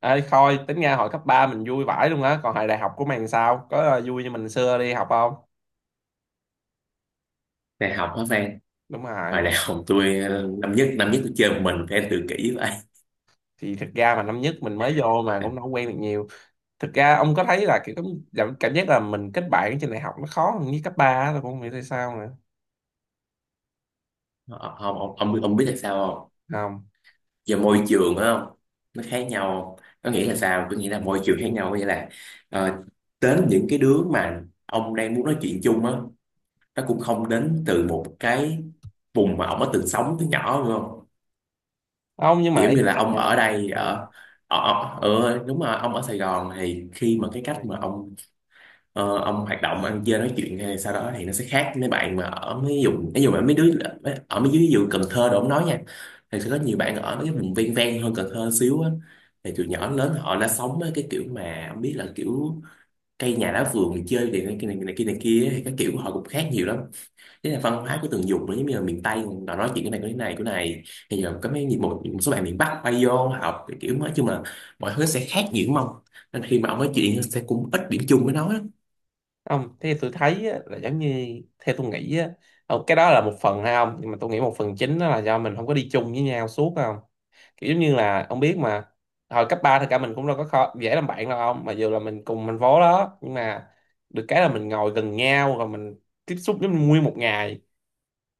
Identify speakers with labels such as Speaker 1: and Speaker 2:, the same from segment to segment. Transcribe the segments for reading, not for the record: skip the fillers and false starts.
Speaker 1: Ê, thôi tính ra hồi cấp 3 mình vui vãi luôn á. Còn hồi đại học của mày làm sao có vui như mình xưa đi học không?
Speaker 2: Đại học hả Phan?
Speaker 1: Đúng
Speaker 2: Hồi
Speaker 1: rồi.
Speaker 2: đại học tôi năm nhất tôi chơi một mình, Phan, tự kỷ vậy.
Speaker 1: Thì thực ra mà năm nhất mình mới vô mà cũng đâu có quen được nhiều. Thực ra ông có thấy là kiểu cảm, cảm giác là mình kết bạn trên đại học nó khó hơn với cấp 3 á? Tôi cũng không hiểu tại sao nữa.
Speaker 2: Ờ, không ông biết là sao không?
Speaker 1: không
Speaker 2: Do môi trường á, không nó khác nhau, có nghĩa là sao, có nghĩa là môi trường khác nhau, có nghĩa là ờ, đến những cái đứa mà ông đang muốn nói chuyện chung á, nó cũng không đến từ một cái vùng mà ông đã từng sống từ nhỏ đúng không.
Speaker 1: không nhưng mà
Speaker 2: Kiểu
Speaker 1: ý
Speaker 2: như là ông
Speaker 1: là
Speaker 2: ở đây
Speaker 1: ờ,
Speaker 2: ở ở ở- ừ, đúng rồi, ông ở Sài Gòn, thì khi mà cái cách
Speaker 1: rồi.
Speaker 2: mà ông ông hoạt động ăn chơi nói chuyện hay sau đó thì nó sẽ khác mấy bạn mà ở mấy vùng, ví dụ mà mấy đứa ở mấy dưới vùng Cần Thơ đồ ông nói nha, thì sẽ có nhiều bạn ở mấy cái vùng ven ven hơn Cần Thơ xíu á, thì từ nhỏ đến lớn họ đã sống á, cái kiểu mà ông biết là kiểu cây nhà lá vườn, chơi thì này kia ấy, thì cái kiểu họ cũng khác nhiều lắm. Thế là văn hóa của từng vùng nữa, giống như là miền Tây họ nói chuyện cái này cái này cái này, bây giờ có mấy một số bạn miền Bắc quay vô học thì kiểu nói chung là mọi thứ sẽ khác nhiều đúng không, nên khi mà ông nói chuyện sẽ cũng ít điểm chung với nó.
Speaker 1: Không, thế tôi thấy á, là giống như theo tôi nghĩ á, cái đó là một phần hay không, nhưng mà tôi nghĩ một phần chính đó là do mình không có đi chung với nhau suốt không? Kiểu giống như là ông biết mà, hồi cấp 3 thì cả mình cũng đâu có khó, dễ làm bạn đâu ông, mà dù là mình cùng thành phố đó, nhưng mà được cái là mình ngồi gần nhau rồi mình tiếp xúc với nguyên một ngày,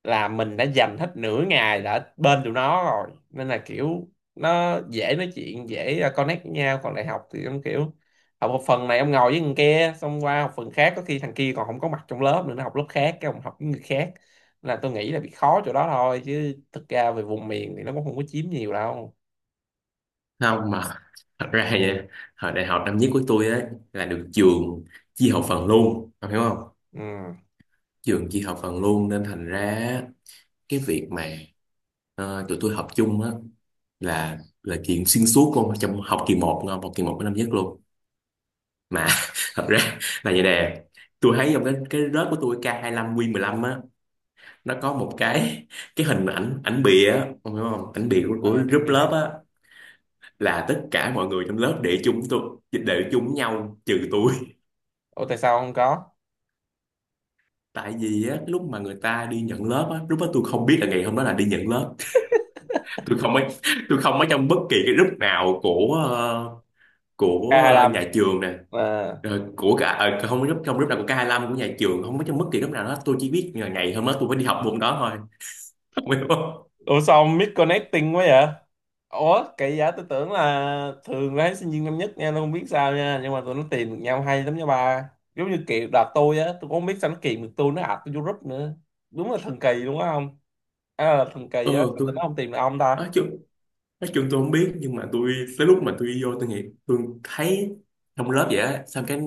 Speaker 1: là mình đã dành hết nửa ngày đã bên tụi nó rồi, nên là kiểu nó dễ nói chuyện, dễ connect với nhau. Còn đại học thì ông kiểu học một phần này ông ngồi với người kia, xong qua học phần khác có khi thằng kia còn không có mặt trong lớp nữa, nó học lớp khác cái ông học với người khác. Là tôi nghĩ là bị khó chỗ đó thôi, chứ thực ra về vùng miền thì nó cũng không có chiếm nhiều đâu.
Speaker 2: Không mà thật ra vậy, hồi đại học năm nhất của tôi ấy, là được trường chia học phần luôn ông hiểu không,
Speaker 1: Ừ.
Speaker 2: trường chia học phần luôn, nên thành ra cái việc mà tụi tôi học chung á là chuyện xuyên suốt luôn trong học kỳ một, ngon học kỳ một của năm nhất luôn mà. Thật ra là vậy nè, tôi thấy trong cái rớt của tôi K25 mười lăm á, nó có một cái hình ảnh ảnh bìa á ông hiểu không, ảnh bìa của
Speaker 1: À, bánh
Speaker 2: group
Speaker 1: bì.
Speaker 2: lớp á, là tất cả mọi người trong lớp để chúng tôi để chúng nhau trừ tôi.
Speaker 1: Ủa tại sao không có?
Speaker 2: Tại vì á lúc mà người ta đi nhận lớp á, lúc đó tôi không biết là ngày hôm đó là đi nhận lớp, tôi không có tôi không có trong bất kỳ cái group nào của của
Speaker 1: K25.
Speaker 2: nhà trường nè,
Speaker 1: À.
Speaker 2: rồi của cả không có group trong group nào của ca k lăm của nhà trường, không có trong bất kỳ group nào đó, tôi chỉ biết là ngày hôm đó tôi phải đi học môn đó thôi, không hiểu không.
Speaker 1: Ủa sao ông misconnecting quá vậy? Ủa kỳ vậy, tôi tưởng là thường là sinh viên năm nhất nha, tôi không biết sao nha, nhưng mà tụi nó tìm được nhau hay lắm nha ba. Giống như kiểu đợt tôi á, tôi cũng không biết sao nó kìm được tôi, nó ạt tôi vô group nữa. Đúng là thần kỳ luôn á không? À, là thần kỳ á,
Speaker 2: Ừ
Speaker 1: sao
Speaker 2: tôi
Speaker 1: tụi nó không tìm được ông ta?
Speaker 2: nói chứ, nói chung tôi không biết, nhưng mà tôi tới lúc mà tôi vô tôi nghĩ tôi thấy trong lớp vậy á, xong cái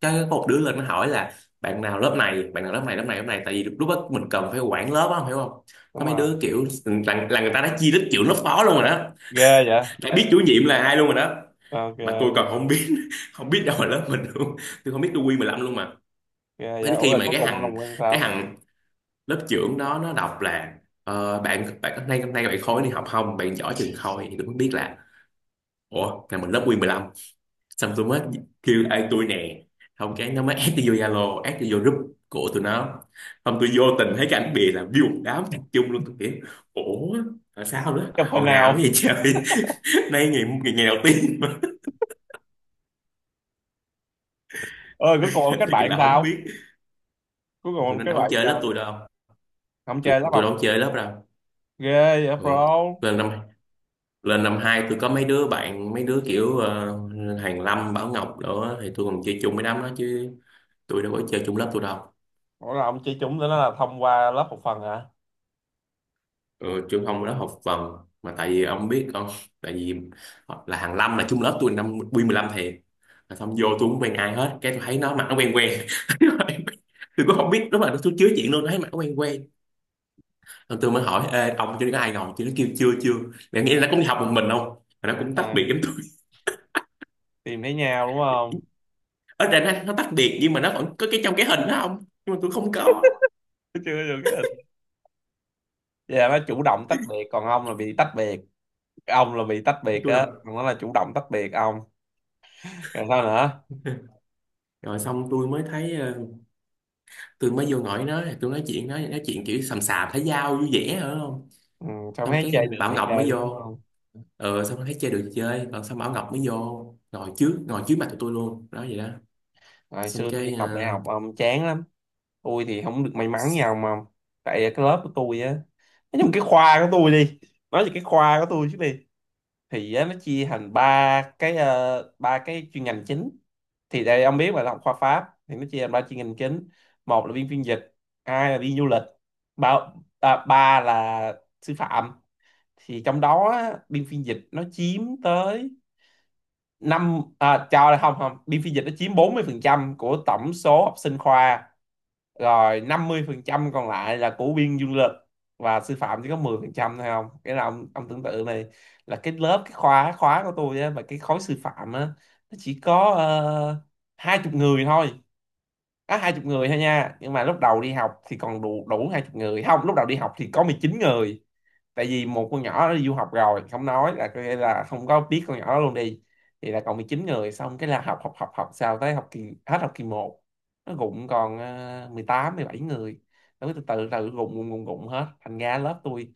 Speaker 2: cái có một đứa lên nó hỏi là bạn nào lớp này, bạn nào lớp này lớp này lớp này, tại vì lúc đó mình cần phải quản lớp á hiểu không. Có
Speaker 1: Đúng
Speaker 2: mấy
Speaker 1: rồi.
Speaker 2: đứa kiểu là, người ta đã chia đích trưởng lớp phó luôn rồi đó,
Speaker 1: Ghê vậy?
Speaker 2: đã biết chủ nhiệm là ai luôn rồi đó,
Speaker 1: Ok,
Speaker 2: mà tôi còn không biết không biết đâu là lớp mình luôn. Tôi không biết tôi quy 15 luôn mà,
Speaker 1: ghê vậy.
Speaker 2: đến
Speaker 1: Ủa
Speaker 2: khi
Speaker 1: rồi
Speaker 2: mà
Speaker 1: cuối
Speaker 2: cái
Speaker 1: cùng ông làm
Speaker 2: thằng
Speaker 1: quen
Speaker 2: cái
Speaker 1: sao?
Speaker 2: thằng lớp trưởng đó nó đọc là bạn bạn hôm nay bạn khối đi học không, bạn giỏi trường khối, thì tôi mới biết là ủa thằng mình lớp Nguyên lăm, xong tôi mới kêu ai tôi nè, không cái nó mới add tôi vô Zalo, add tôi vô group của tụi nó, xong tôi vô tình thấy cái ảnh bìa là view một đám chung chung luôn, tôi kiểu ủa là sao đó, à,
Speaker 1: Gặp hồi
Speaker 2: hồi nào nó vậy
Speaker 1: nào?
Speaker 2: trời. Nay ngày ngày, ngày đầu tiên mà.
Speaker 1: Ơi cuối cùng ông kết
Speaker 2: Thì
Speaker 1: bạn
Speaker 2: là không
Speaker 1: sao?
Speaker 2: biết,
Speaker 1: Cuối cùng
Speaker 2: tôi
Speaker 1: ông
Speaker 2: nó
Speaker 1: kết
Speaker 2: đâu
Speaker 1: bạn
Speaker 2: chơi lớp
Speaker 1: sao?
Speaker 2: tôi đâu,
Speaker 1: Không
Speaker 2: tôi
Speaker 1: chơi lắm
Speaker 2: tôi
Speaker 1: ông,
Speaker 2: đâu chơi lớp đâu.
Speaker 1: ghê vậy
Speaker 2: Ừ.
Speaker 1: bro.
Speaker 2: Lên năm hai tôi có mấy đứa bạn, mấy đứa kiểu Hàng Lâm, Bảo Ngọc đó thì tôi còn chơi chung với đám đó chứ, tôi đâu có chơi chung lớp tôi đâu.
Speaker 1: Ủa là ông chỉ chúng tới nó là thông qua lớp học phần hả?
Speaker 2: Ừ, trường không đó học vần, mà tại vì ông biết không, tại vì là hàng năm là chung lớp tôi năm quy 15 thì là xong vô tôi cũng quen ai hết, cái tôi thấy nó mặt nó quen quen. Tôi cũng không biết, lúc mà tôi chứa chuyện luôn thấy mặt nó quen quen, rồi tôi mới hỏi ê ông chưa có ai ngồi chứ, nó kêu chưa chưa, mẹ nghĩ là nó cũng đi học một mình không, mà nó
Speaker 1: Đúng
Speaker 2: cũng tách biệt
Speaker 1: rồi,
Speaker 2: giống tôi.
Speaker 1: tìm thấy nhau đúng không?
Speaker 2: Ở trên nó tách biệt nhưng mà nó vẫn có cái trong cái hình đó, không nhưng mà tôi không có,
Speaker 1: Chưa được cái hình. Vậy là nó chủ động tách biệt còn ông là bị tách biệt, ông là bị tách biệt
Speaker 2: tôi
Speaker 1: á
Speaker 2: là
Speaker 1: còn nó là chủ động tách biệt ông. Còn sao nữa?
Speaker 2: rồi xong tôi mới thấy tôi mới vô ngồi nó, tôi nói chuyện nó, nói chuyện kiểu sàm sàm thấy dao vui vẻ hả,
Speaker 1: Ừ, sao
Speaker 2: xong
Speaker 1: mấy
Speaker 2: cái
Speaker 1: chơi được
Speaker 2: Bảo
Speaker 1: thì
Speaker 2: Ngọc mới
Speaker 1: chơi đúng
Speaker 2: vô,
Speaker 1: không?
Speaker 2: ờ xong nó thấy chơi được thì chơi, còn xong Bảo Ngọc mới vô ngồi trước, ngồi trước mặt tụi tôi luôn đó, vậy đó.
Speaker 1: Hồi
Speaker 2: Xong
Speaker 1: xưa tôi đi
Speaker 2: cái
Speaker 1: học đại học ông chán lắm, tôi thì không được may mắn nhau mà. Tại cái lớp của tôi á, nói chung cái khoa của tôi đi, nói về cái khoa của tôi chứ đi, thì á, nó chia thành ba cái, ba cái chuyên ngành chính. Thì đây ông biết mà là học khoa Pháp thì nó chia thành ba chuyên ngành chính: một là viên phiên dịch, hai là viên du lịch, ba ba là sư phạm. Thì trong đó á, biên phiên dịch nó chiếm tới năm cho không không, biên phiên dịch nó chiếm 40% của tổng số học sinh khoa, rồi 50% còn lại là của biên dương lực, và sư phạm chỉ có 10% thôi. Không cái là ông tưởng tượng này, là cái lớp cái khóa khóa của tôi á và cái khối sư phạm á, nó chỉ có hai chục người thôi á, hai chục người thôi nha. Nhưng mà lúc đầu đi học thì còn đủ đủ hai chục người. Không, lúc đầu đi học thì có 19 người, tại vì một con nhỏ nó đi du học rồi. Không nói là có nghĩa là không có biết con nhỏ đó luôn đi. Thì là còn mười chín người, xong cái là học học học học sao tới học kỳ, hết học kỳ một nó gụng còn mười tám mười bảy người, nó cứ từ từ từ gụng gụng gụng gụng hết. Thành ra lớp tôi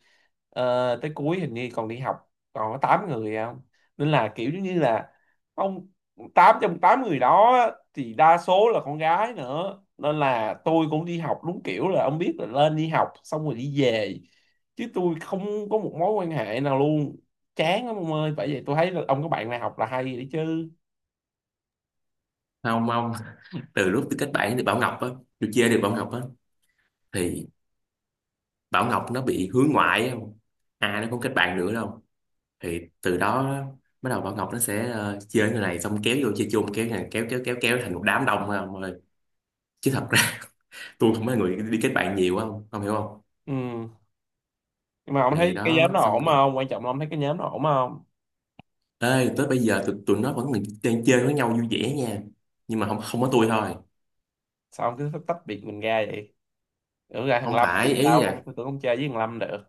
Speaker 1: tới cuối hình như còn đi học còn có 8 người à không. Nên là kiểu giống như là ông, 8 trong 8 người đó thì đa số là con gái nữa, nên là tôi cũng đi học đúng kiểu là ông biết là lên đi học xong rồi đi về, chứ tôi không có một mối quan hệ nào luôn. Chán lắm ông ơi, bởi vậy tôi thấy là ông có bạn này học là hay đấy chứ.
Speaker 2: không ông, từ lúc tôi kết bạn thì Bảo Ngọc á, tôi chơi được Bảo Ngọc á, thì Bảo Ngọc nó bị hướng ngoại á, ai nó cũng kết bạn nữa đâu, thì từ đó bắt đầu Bảo Ngọc nó sẽ chơi người này xong kéo vô chơi chung, kéo này kéo kéo kéo kéo thành một đám đông không ơi. Chứ thật ra tôi không phải người đi kết bạn nhiều á, không không hiểu không.
Speaker 1: Ừ. Nhưng mà ông
Speaker 2: Thì
Speaker 1: thấy cái nhóm
Speaker 2: đó
Speaker 1: nó
Speaker 2: xong,
Speaker 1: ổn không, quan trọng là ông thấy cái nhóm nó ổn không?
Speaker 2: ê, tới bây giờ tụi nó vẫn là chơi với nhau vui vẻ nha, nhưng mà không không có tôi thôi.
Speaker 1: Sao ông cứ thích tách biệt mình ra vậy? Tưởng ra thằng
Speaker 2: Không
Speaker 1: Lâm
Speaker 2: phải
Speaker 1: gì,
Speaker 2: ý
Speaker 1: sao ông,
Speaker 2: à,
Speaker 1: tôi tưởng ông chơi với thằng Lâm được.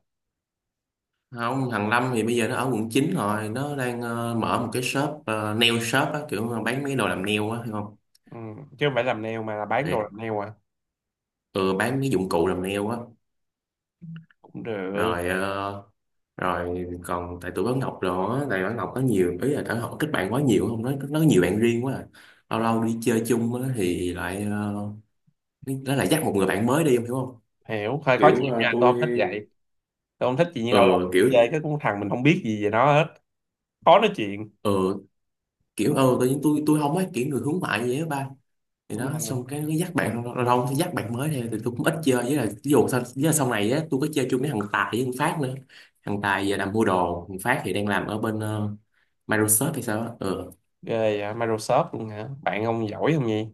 Speaker 2: không thằng Lâm thì bây giờ nó ở quận 9 rồi, nó đang mở một cái shop nail shop á, kiểu mà bán mấy đồ làm nail á hiểu không.
Speaker 1: Ừ. Chứ không phải làm nail mà là bán đồ
Speaker 2: Thì,
Speaker 1: làm nail à?
Speaker 2: ừ, bán mấy dụng cụ làm nail á.
Speaker 1: Cũng được.
Speaker 2: Rồi rồi còn tại tụi Bảo Ngọc rồi á, tại Bảo Ngọc có nhiều ý là cả họ kết bạn quá nhiều không, nó có nhiều bạn riêng quá à. Lâu lâu đi chơi chung á thì lại nó lại dắt một người bạn mới đi, em hiểu không.
Speaker 1: Hiểu, hơi khó
Speaker 2: Kiểu
Speaker 1: chịu nha, tôi không thích vậy. Tôi không thích gì nhưng lâu lâu đi
Speaker 2: kiểu
Speaker 1: chơi cái con thằng mình không biết gì về nó hết, khó nói chuyện.
Speaker 2: ừ kiểu ừ tự nhiên tôi không ấy kiểu người hướng ngoại vậy á ba, thì
Speaker 1: Đúng
Speaker 2: đó
Speaker 1: rồi.
Speaker 2: xong cái nó dắt bạn lâu lâu lâu thì dắt bạn mới này, thì tôi cũng ít chơi với, là ví dụ sau, với là sau này á tôi có chơi chung với thằng Tài với thằng Phát nữa. Thằng Tài giờ làm mua đồ, thằng Phát thì đang làm ở bên Microsoft hay sao á, ừ.
Speaker 1: Ghê vậy, Microsoft luôn hả, bạn ông giỏi không nhỉ?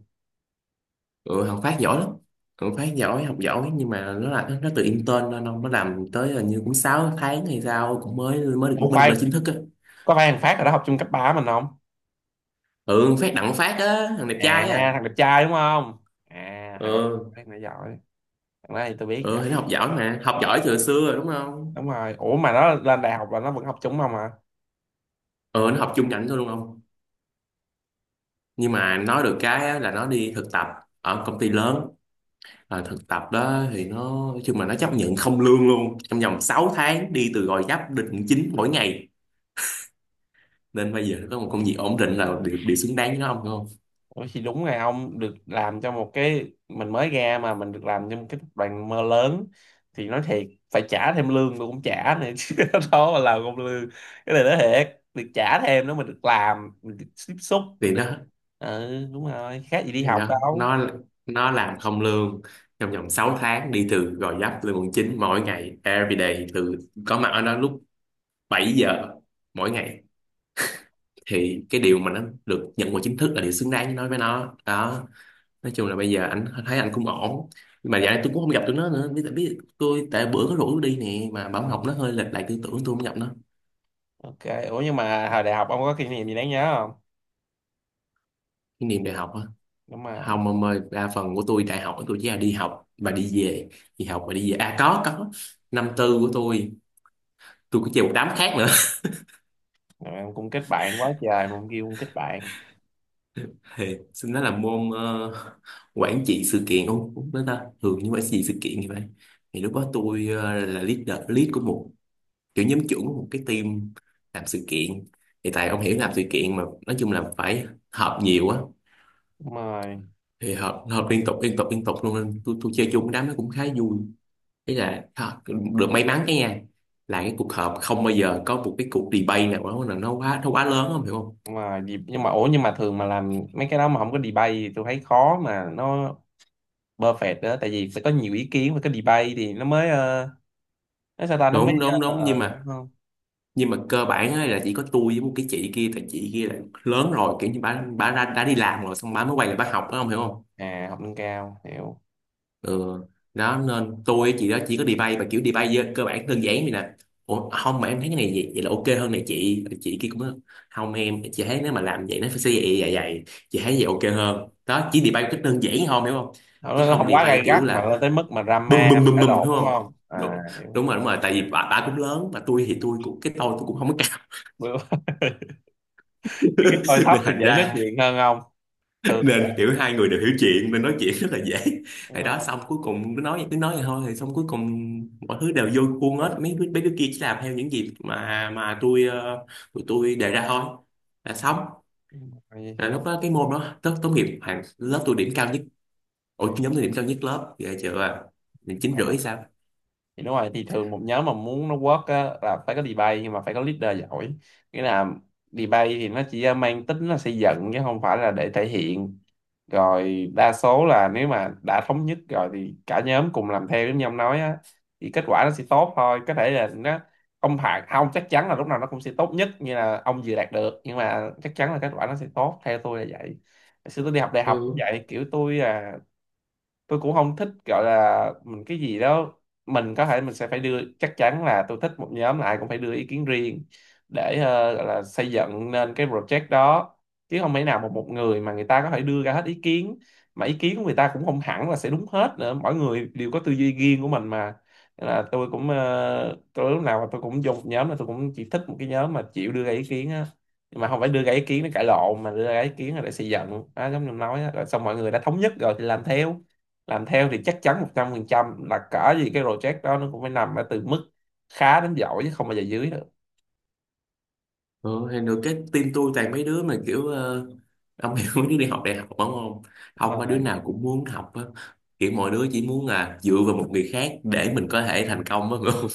Speaker 2: Ừ thằng Phát giỏi lắm, thằng Phát giỏi, học giỏi, nhưng mà nó là nó tự intern nên nó làm tới là như cũng 6 tháng hay sao, cũng mới mới được,
Speaker 1: Ủa
Speaker 2: mới được
Speaker 1: khoan,
Speaker 2: lên chính thức á.
Speaker 1: có phải thằng Phát ở đó học chung cấp ba mình không?
Speaker 2: Ừ thằng Phát, đặng Phát á, thằng đẹp trai á.
Speaker 1: À thằng đẹp trai đúng không, à thằng đó,
Speaker 2: Ừ.
Speaker 1: thằng đó giỏi, thằng đó thì tôi biết
Speaker 2: Ừ
Speaker 1: giỏi.
Speaker 2: thì nó học giỏi, mà học giỏi từ xưa rồi đúng không?
Speaker 1: Đúng rồi, ủa mà nó lên đại học là nó vẫn học chung không hả?
Speaker 2: Ờ, nó học chung ngành thôi luôn không? Nhưng mà nói được cái á, là nó đi thực tập ở công ty lớn. Rồi thực tập đó thì nó nói chung là nó chấp nhận không lương luôn. Trong vòng 6 tháng đi từ Gò Vấp đến Quận 9 mỗi ngày. Nên bây giờ nó có một công việc ổn định là điều xứng đáng với nó, không không?
Speaker 1: Ủa thì đúng ngày ông được làm cho một cái, mình mới ra mà mình được làm cho một cái tập đoàn mơ lớn, thì nói thiệt phải trả thêm lương tôi cũng trả này chứ. Đó mà làm không lương, cái này nói thiệt được trả thêm nữa, mình được làm mình được tiếp xúc mình
Speaker 2: Thì
Speaker 1: được.
Speaker 2: đó,
Speaker 1: Ừ đúng rồi, khác gì đi
Speaker 2: thì
Speaker 1: học
Speaker 2: đó,
Speaker 1: đâu.
Speaker 2: nó làm không lương, trong vòng 6 tháng đi từ Gò Vấp lên Quận 9 mỗi ngày, everyday, từ có mặt ở đó lúc 7 giờ mỗi ngày. Thì cái điều mà nó được nhận vào chính thức là điều xứng đáng với nó, đó nói chung là bây giờ anh thấy anh cũng ổn, nhưng mà dạo này tôi cũng không gặp tụi nó nữa, biết biết tôi, tại bữa có rủ đi nè mà bảo học nó hơi lệch lại tư tưởng, tôi không gặp nó.
Speaker 1: Ok, ủa nhưng mà hồi đại học ông có kỷ niệm gì đáng nhớ không?
Speaker 2: Cái niềm đại học á?
Speaker 1: Đúng rồi.
Speaker 2: Không ông ơi, đa phần của tôi đại học tôi chỉ là đi học và đi về, đi học và đi về. À, có, năm tư của tôi có chơi một đám khác nữa.
Speaker 1: Rồi em cũng kết bạn quá trời mà kêu cũng kết bạn.
Speaker 2: Thì xin nói là môn quản trị sự kiện, không đó ta thường như quản trị sự kiện như vậy, thì lúc đó tôi là leader, lead của một kiểu nhóm trưởng của một cái team làm sự kiện. Thì tại ông hiểu, làm sự kiện mà, nói chung là phải họp nhiều á.
Speaker 1: Đúng rồi.
Speaker 2: Thì họp họp liên tục liên tục liên tục luôn, nên tôi chơi chung cái đám, nó cũng khá vui. Thế là được may mắn cái nha, là cái cuộc họp không bao giờ có một cái cuộc debate nào đó là nó quá, nó quá lớn, không hiểu không?
Speaker 1: Nhưng mà dịp, nhưng mà ủa nhưng mà thường mà làm mấy cái đó mà không có debate thì tôi thấy khó mà nó perfect đó, tại vì sẽ có nhiều ý kiến và cái debate thì nó mới nó sao ta, nó mới
Speaker 2: Đúng đúng đúng, nhưng mà,
Speaker 1: đúng không?
Speaker 2: nhưng mà cơ bản á là chỉ có tôi với một cái chị kia, tại chị kia là lớn rồi, kiểu như bà đã đi làm rồi, xong bà mới quay lại bà học đó, không hiểu không?
Speaker 1: À, học nâng cao, hiểu.
Speaker 2: Ừ. Đó nên tôi với chị đó chỉ có debate, và kiểu debate cơ bản đơn giản vậy nè. Ủa, không mà em thấy cái này vậy, vậy là ok hơn này, chị kia cũng nói, không em, chị thấy nếu mà làm vậy nó phải sẽ vậy vậy vậy, chị thấy vậy ok hơn đó. Chỉ debate một cách đơn giản thôi, hiểu không?
Speaker 1: Không,
Speaker 2: Chứ
Speaker 1: nó không
Speaker 2: không
Speaker 1: quá gay
Speaker 2: debate
Speaker 1: gắt
Speaker 2: kiểu
Speaker 1: mà lên
Speaker 2: là
Speaker 1: tới mức mà
Speaker 2: bùm
Speaker 1: drama,
Speaker 2: bùm bùm
Speaker 1: cãi
Speaker 2: bùm, hiểu
Speaker 1: lộn đúng
Speaker 2: không?
Speaker 1: không, à
Speaker 2: Đúng,
Speaker 1: hiểu.
Speaker 2: đúng rồi đúng rồi, tại vì bà cũng lớn, mà tôi thì tôi cũng cái tôi cũng không có cao.
Speaker 1: Bữa- những cái tôi thấp
Speaker 2: Nên
Speaker 1: thì
Speaker 2: thành
Speaker 1: dễ nói
Speaker 2: ra,
Speaker 1: chuyện hơn không, thường thì-
Speaker 2: nên
Speaker 1: vậy.
Speaker 2: kiểu hai người đều hiểu chuyện nên nói chuyện rất là dễ.
Speaker 1: Đúng
Speaker 2: Thì đó, xong
Speaker 1: không?
Speaker 2: cuối cùng cứ nói vậy thôi, thì xong cuối cùng mọi thứ đều vô khuôn hết, mấy mấy đứa kia chỉ làm theo những gì mà tôi tụi tôi đề ra thôi, là xong.
Speaker 1: Vậy
Speaker 2: Là
Speaker 1: thì
Speaker 2: lúc đó cái môn đó tốt tốt nghiệp hàng lớp tôi điểm cao nhất, ủa nhóm tôi điểm cao nhất lớp, ghê chưa. À chín rưỡi
Speaker 1: nó,
Speaker 2: sao.
Speaker 1: thì đúng rồi, thì thường một nhóm mà muốn nó work á, là phải có debate, nhưng mà phải có leader giỏi. Nghĩa là debate thì nó chỉ mang tính là xây dựng chứ không phải là để thể hiện. Rồi đa số là nếu mà đã thống nhất rồi thì cả nhóm cùng làm theo giống như ông nói á, thì kết quả nó sẽ tốt thôi. Có thể là nó không phải, không chắc chắn là lúc nào nó cũng sẽ tốt nhất như là ông vừa đạt được, nhưng mà chắc chắn là kết quả nó sẽ tốt, theo tôi là vậy. Hồi xưa tôi đi học đại học cũng
Speaker 2: Ừ.
Speaker 1: vậy, kiểu tôi tôi cũng không thích gọi là mình cái gì đó. Mình có thể mình sẽ phải đưa, chắc chắn là tôi thích một nhóm là ai cũng phải đưa ý kiến riêng để gọi là xây dựng nên cái project đó, chứ không thể nào một, một người mà người ta có thể đưa ra hết ý kiến, mà ý kiến của người ta cũng không hẳn là sẽ đúng hết nữa, mỗi người đều có tư duy riêng của mình mà. Nên là tôi cũng tôi lúc nào mà tôi cũng dùng nhóm là tôi cũng chỉ thích một cái nhóm mà chịu đưa ra ý kiến á, nhưng mà không phải đưa ra ý kiến để cãi lộn mà đưa ra ý kiến là để xây dựng đó, giống như em nói á. Rồi xong mọi người đã thống nhất rồi thì làm theo, làm theo thì chắc chắn 100% là cỡ gì cái project đó nó cũng phải nằm ở từ mức khá đến giỏi, chứ không bao giờ dưới được.
Speaker 2: Ừ, thì được cái team tôi toàn mấy đứa mà kiểu ông hiểu mấy đứa đi học đại học đúng không? Học
Speaker 1: Mà
Speaker 2: mà đứa nào cũng muốn học á. Kiểu mọi đứa chỉ muốn là dựa vào một người khác để mình có thể thành công á, hiểu không?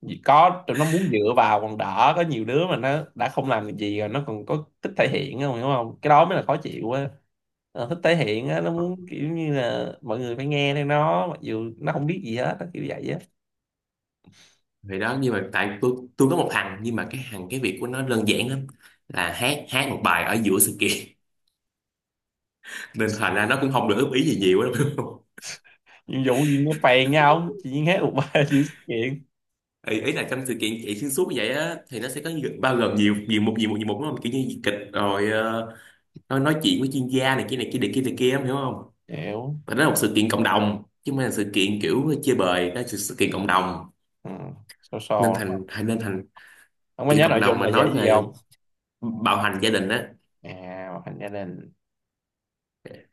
Speaker 1: vì có tụi nó muốn dựa vào còn đỡ, có nhiều đứa mà nó đã không làm được gì rồi nó còn có thích thể hiện không, hiểu không, cái đó mới là khó chịu á. Ờ, thích thể hiện á, nó
Speaker 2: Ờ,
Speaker 1: muốn kiểu như là mọi người phải nghe theo nó mặc dù nó không biết gì hết á, kiểu vậy á.
Speaker 2: thì đó, nhưng mà tại tôi có một thằng, nhưng mà cái thằng, cái việc của nó đơn giản lắm, là hát hát một bài ở giữa sự kiện. Nên thành ra nó cũng không được góp ý gì nhiều lắm, hiểu không?
Speaker 1: Nhiệm vụ gì nghe phèn, nhau chị nghe hết một ba chữ sự kiện.
Speaker 2: Ý là trong sự kiện chạy xuyên suốt như vậy á, thì nó sẽ có bao gồm nhiều, nhiều một đúng không, kiểu như kịch rồi nó nói chuyện với chuyên gia này kia này kia này kia này kia, em hiểu không?
Speaker 1: Hiểu.
Speaker 2: Và nó là một sự kiện cộng đồng, chứ không phải là sự kiện kiểu chơi bời đó, là sự kiện cộng đồng.
Speaker 1: Ừ. So so lắm. Không,
Speaker 2: Nên thành
Speaker 1: không có
Speaker 2: kiểu
Speaker 1: nhớ
Speaker 2: cộng
Speaker 1: nội
Speaker 2: đồng
Speaker 1: dung
Speaker 2: mà
Speaker 1: là
Speaker 2: nói
Speaker 1: dạy gì
Speaker 2: về
Speaker 1: không?
Speaker 2: bạo hành gia đình á.
Speaker 1: À hoạt hình gia đình.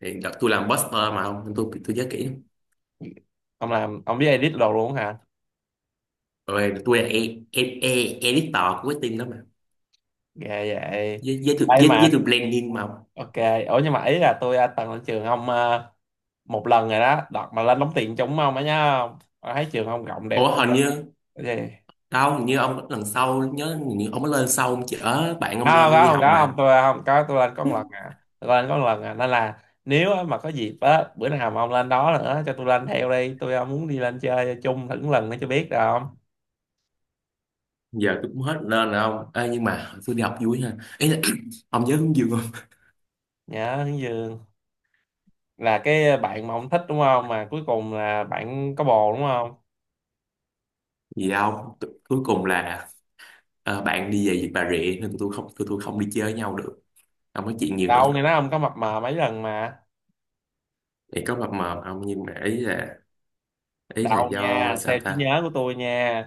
Speaker 2: Thì đợt tôi làm poster mà không, nên tôi nhớ kỹ.
Speaker 1: Ông làm, ông biết edit đồ luôn hả?
Speaker 2: Rồi tôi là e, e, e, editor của cái team đó mà,
Speaker 1: Ghê vậy.
Speaker 2: với
Speaker 1: Ấy
Speaker 2: với
Speaker 1: mà
Speaker 2: tôi planning mà.
Speaker 1: ok. Ủa nhưng mà ý là tôi từng lên trường ông một lần rồi đó, đợt mà lên đóng tiền chúng ông á nhá. Tôi thấy trường ông rộng đẹp.
Speaker 2: Ủa hình như,
Speaker 1: Cái gì?
Speaker 2: đâu hình như ông lần sau nhớ, hình như ông mới lên sau, ông chở bạn
Speaker 1: Không
Speaker 2: ông lên
Speaker 1: có,
Speaker 2: đi
Speaker 1: không
Speaker 2: học
Speaker 1: có, không
Speaker 2: mà.
Speaker 1: tôi không có, tôi lên có một lần à, tôi lên có một lần à, nên là nếu á, mà có dịp á bữa nào mà ông lên đó nữa cho tôi lên theo đi, tôi muốn đi lên chơi chung thử lần nữa cho biết rồi không.
Speaker 2: Giờ tôi cũng hết lên rồi ông. Ê, nhưng mà tôi đi học vui ha, ý là ông nhớ cũng vui không?
Speaker 1: Nhớ hướng dương, là cái bạn mà ông thích đúng không, mà cuối cùng là bạn có bồ đúng không?
Speaker 2: Gì đâu, cuối cùng là bạn đi về Việt Bà Rịa, nên tụi tôi không đi chơi với nhau được, không nói chuyện nhiều nữa.
Speaker 1: Đâu nghe nói ông có mập mờ mấy lần mà.
Speaker 2: Thì có mập mờ không, nhưng mà ý là, ý là
Speaker 1: Đâu
Speaker 2: do
Speaker 1: nha,
Speaker 2: sao
Speaker 1: theo trí
Speaker 2: ta.
Speaker 1: nhớ của tôi nha,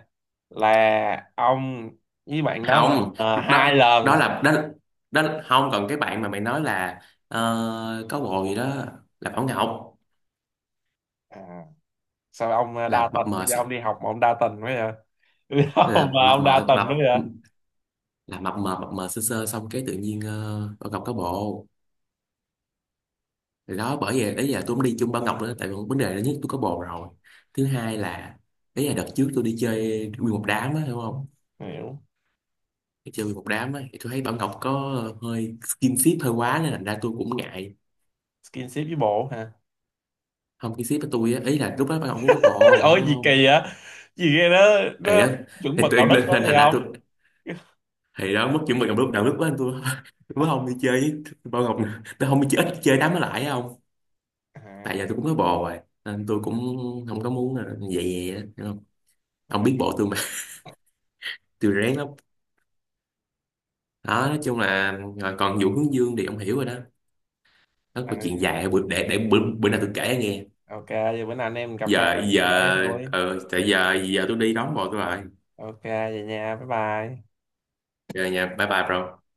Speaker 1: là ông với bạn đó
Speaker 2: Không,
Speaker 1: hai
Speaker 2: đó đó
Speaker 1: lần.
Speaker 2: là đó, không, còn cái bạn mà mày nói là có bồ gì đó là Bảo Ngọc.
Speaker 1: À, sao ông đa
Speaker 2: Là mập
Speaker 1: tình,
Speaker 2: mờ
Speaker 1: bây giờ ông
Speaker 2: sao,
Speaker 1: đi học mà ông đa tình quá vậy. Bây giờ
Speaker 2: là
Speaker 1: mà
Speaker 2: mập
Speaker 1: ông đa
Speaker 2: mờ
Speaker 1: tình quá
Speaker 2: mập
Speaker 1: vậy.
Speaker 2: là mập mờ sơ sơ, xong cái tự nhiên Bảo Ngọc có bồ. Thì đó bởi vậy, ý là tôi không đi chung Bảo Ngọc nữa, tại vì vấn đề là nhất tôi có bồ rồi, thứ hai là, ý là đợt trước tôi đi chơi nguyên một đám á hiểu không.
Speaker 1: Hiểu,
Speaker 2: Cái chơi một đám ấy thì tôi thấy Bảo Ngọc có hơi skin ship hơi quá, nên thành ra tôi cũng ngại.
Speaker 1: skinship với bộ hả?
Speaker 2: Không cái ship với tôi á, ý là lúc đó Bảo Ngọc cũng có bồ
Speaker 1: Ủa
Speaker 2: đúng
Speaker 1: gì
Speaker 2: không.
Speaker 1: kỳ vậy, gì ghê đó.
Speaker 2: Thì
Speaker 1: Nó
Speaker 2: đó,
Speaker 1: chuẩn
Speaker 2: thì
Speaker 1: mực
Speaker 2: tôi
Speaker 1: đạo đức
Speaker 2: lên
Speaker 1: đó
Speaker 2: lên
Speaker 1: gì
Speaker 2: thành ra
Speaker 1: không?
Speaker 2: tôi, thì đó mất chuẩn bị Ngọc lúc nào, lúc đó tôi tôi mới không đi chơi với Bảo Ngọc nữa. Tôi không đi chơi, ít chơi đám nó lại, không, tại
Speaker 1: À,
Speaker 2: giờ tôi cũng có bồ rồi, nên tôi cũng không có muốn là vậy vậy á, hiểu không? Ông biết bộ tôi mà, tôi rén lắm.
Speaker 1: có
Speaker 2: Đó nói
Speaker 1: gì.
Speaker 2: chung là, rồi còn vụ hướng dương thì ông hiểu rồi đó, đó
Speaker 1: À,
Speaker 2: có chuyện dài, bữa bữa nào tôi kể nghe.
Speaker 1: ok vậy bữa nào anh em mình cà phê
Speaker 2: giờ
Speaker 1: thì
Speaker 2: giờ
Speaker 1: ông kể cho tôi.
Speaker 2: ừ tại giờ giờ tôi đi đón bộ tôi rồi.
Speaker 1: Ok vậy nha bye bye.
Speaker 2: Giờ nhà, bye bye bro.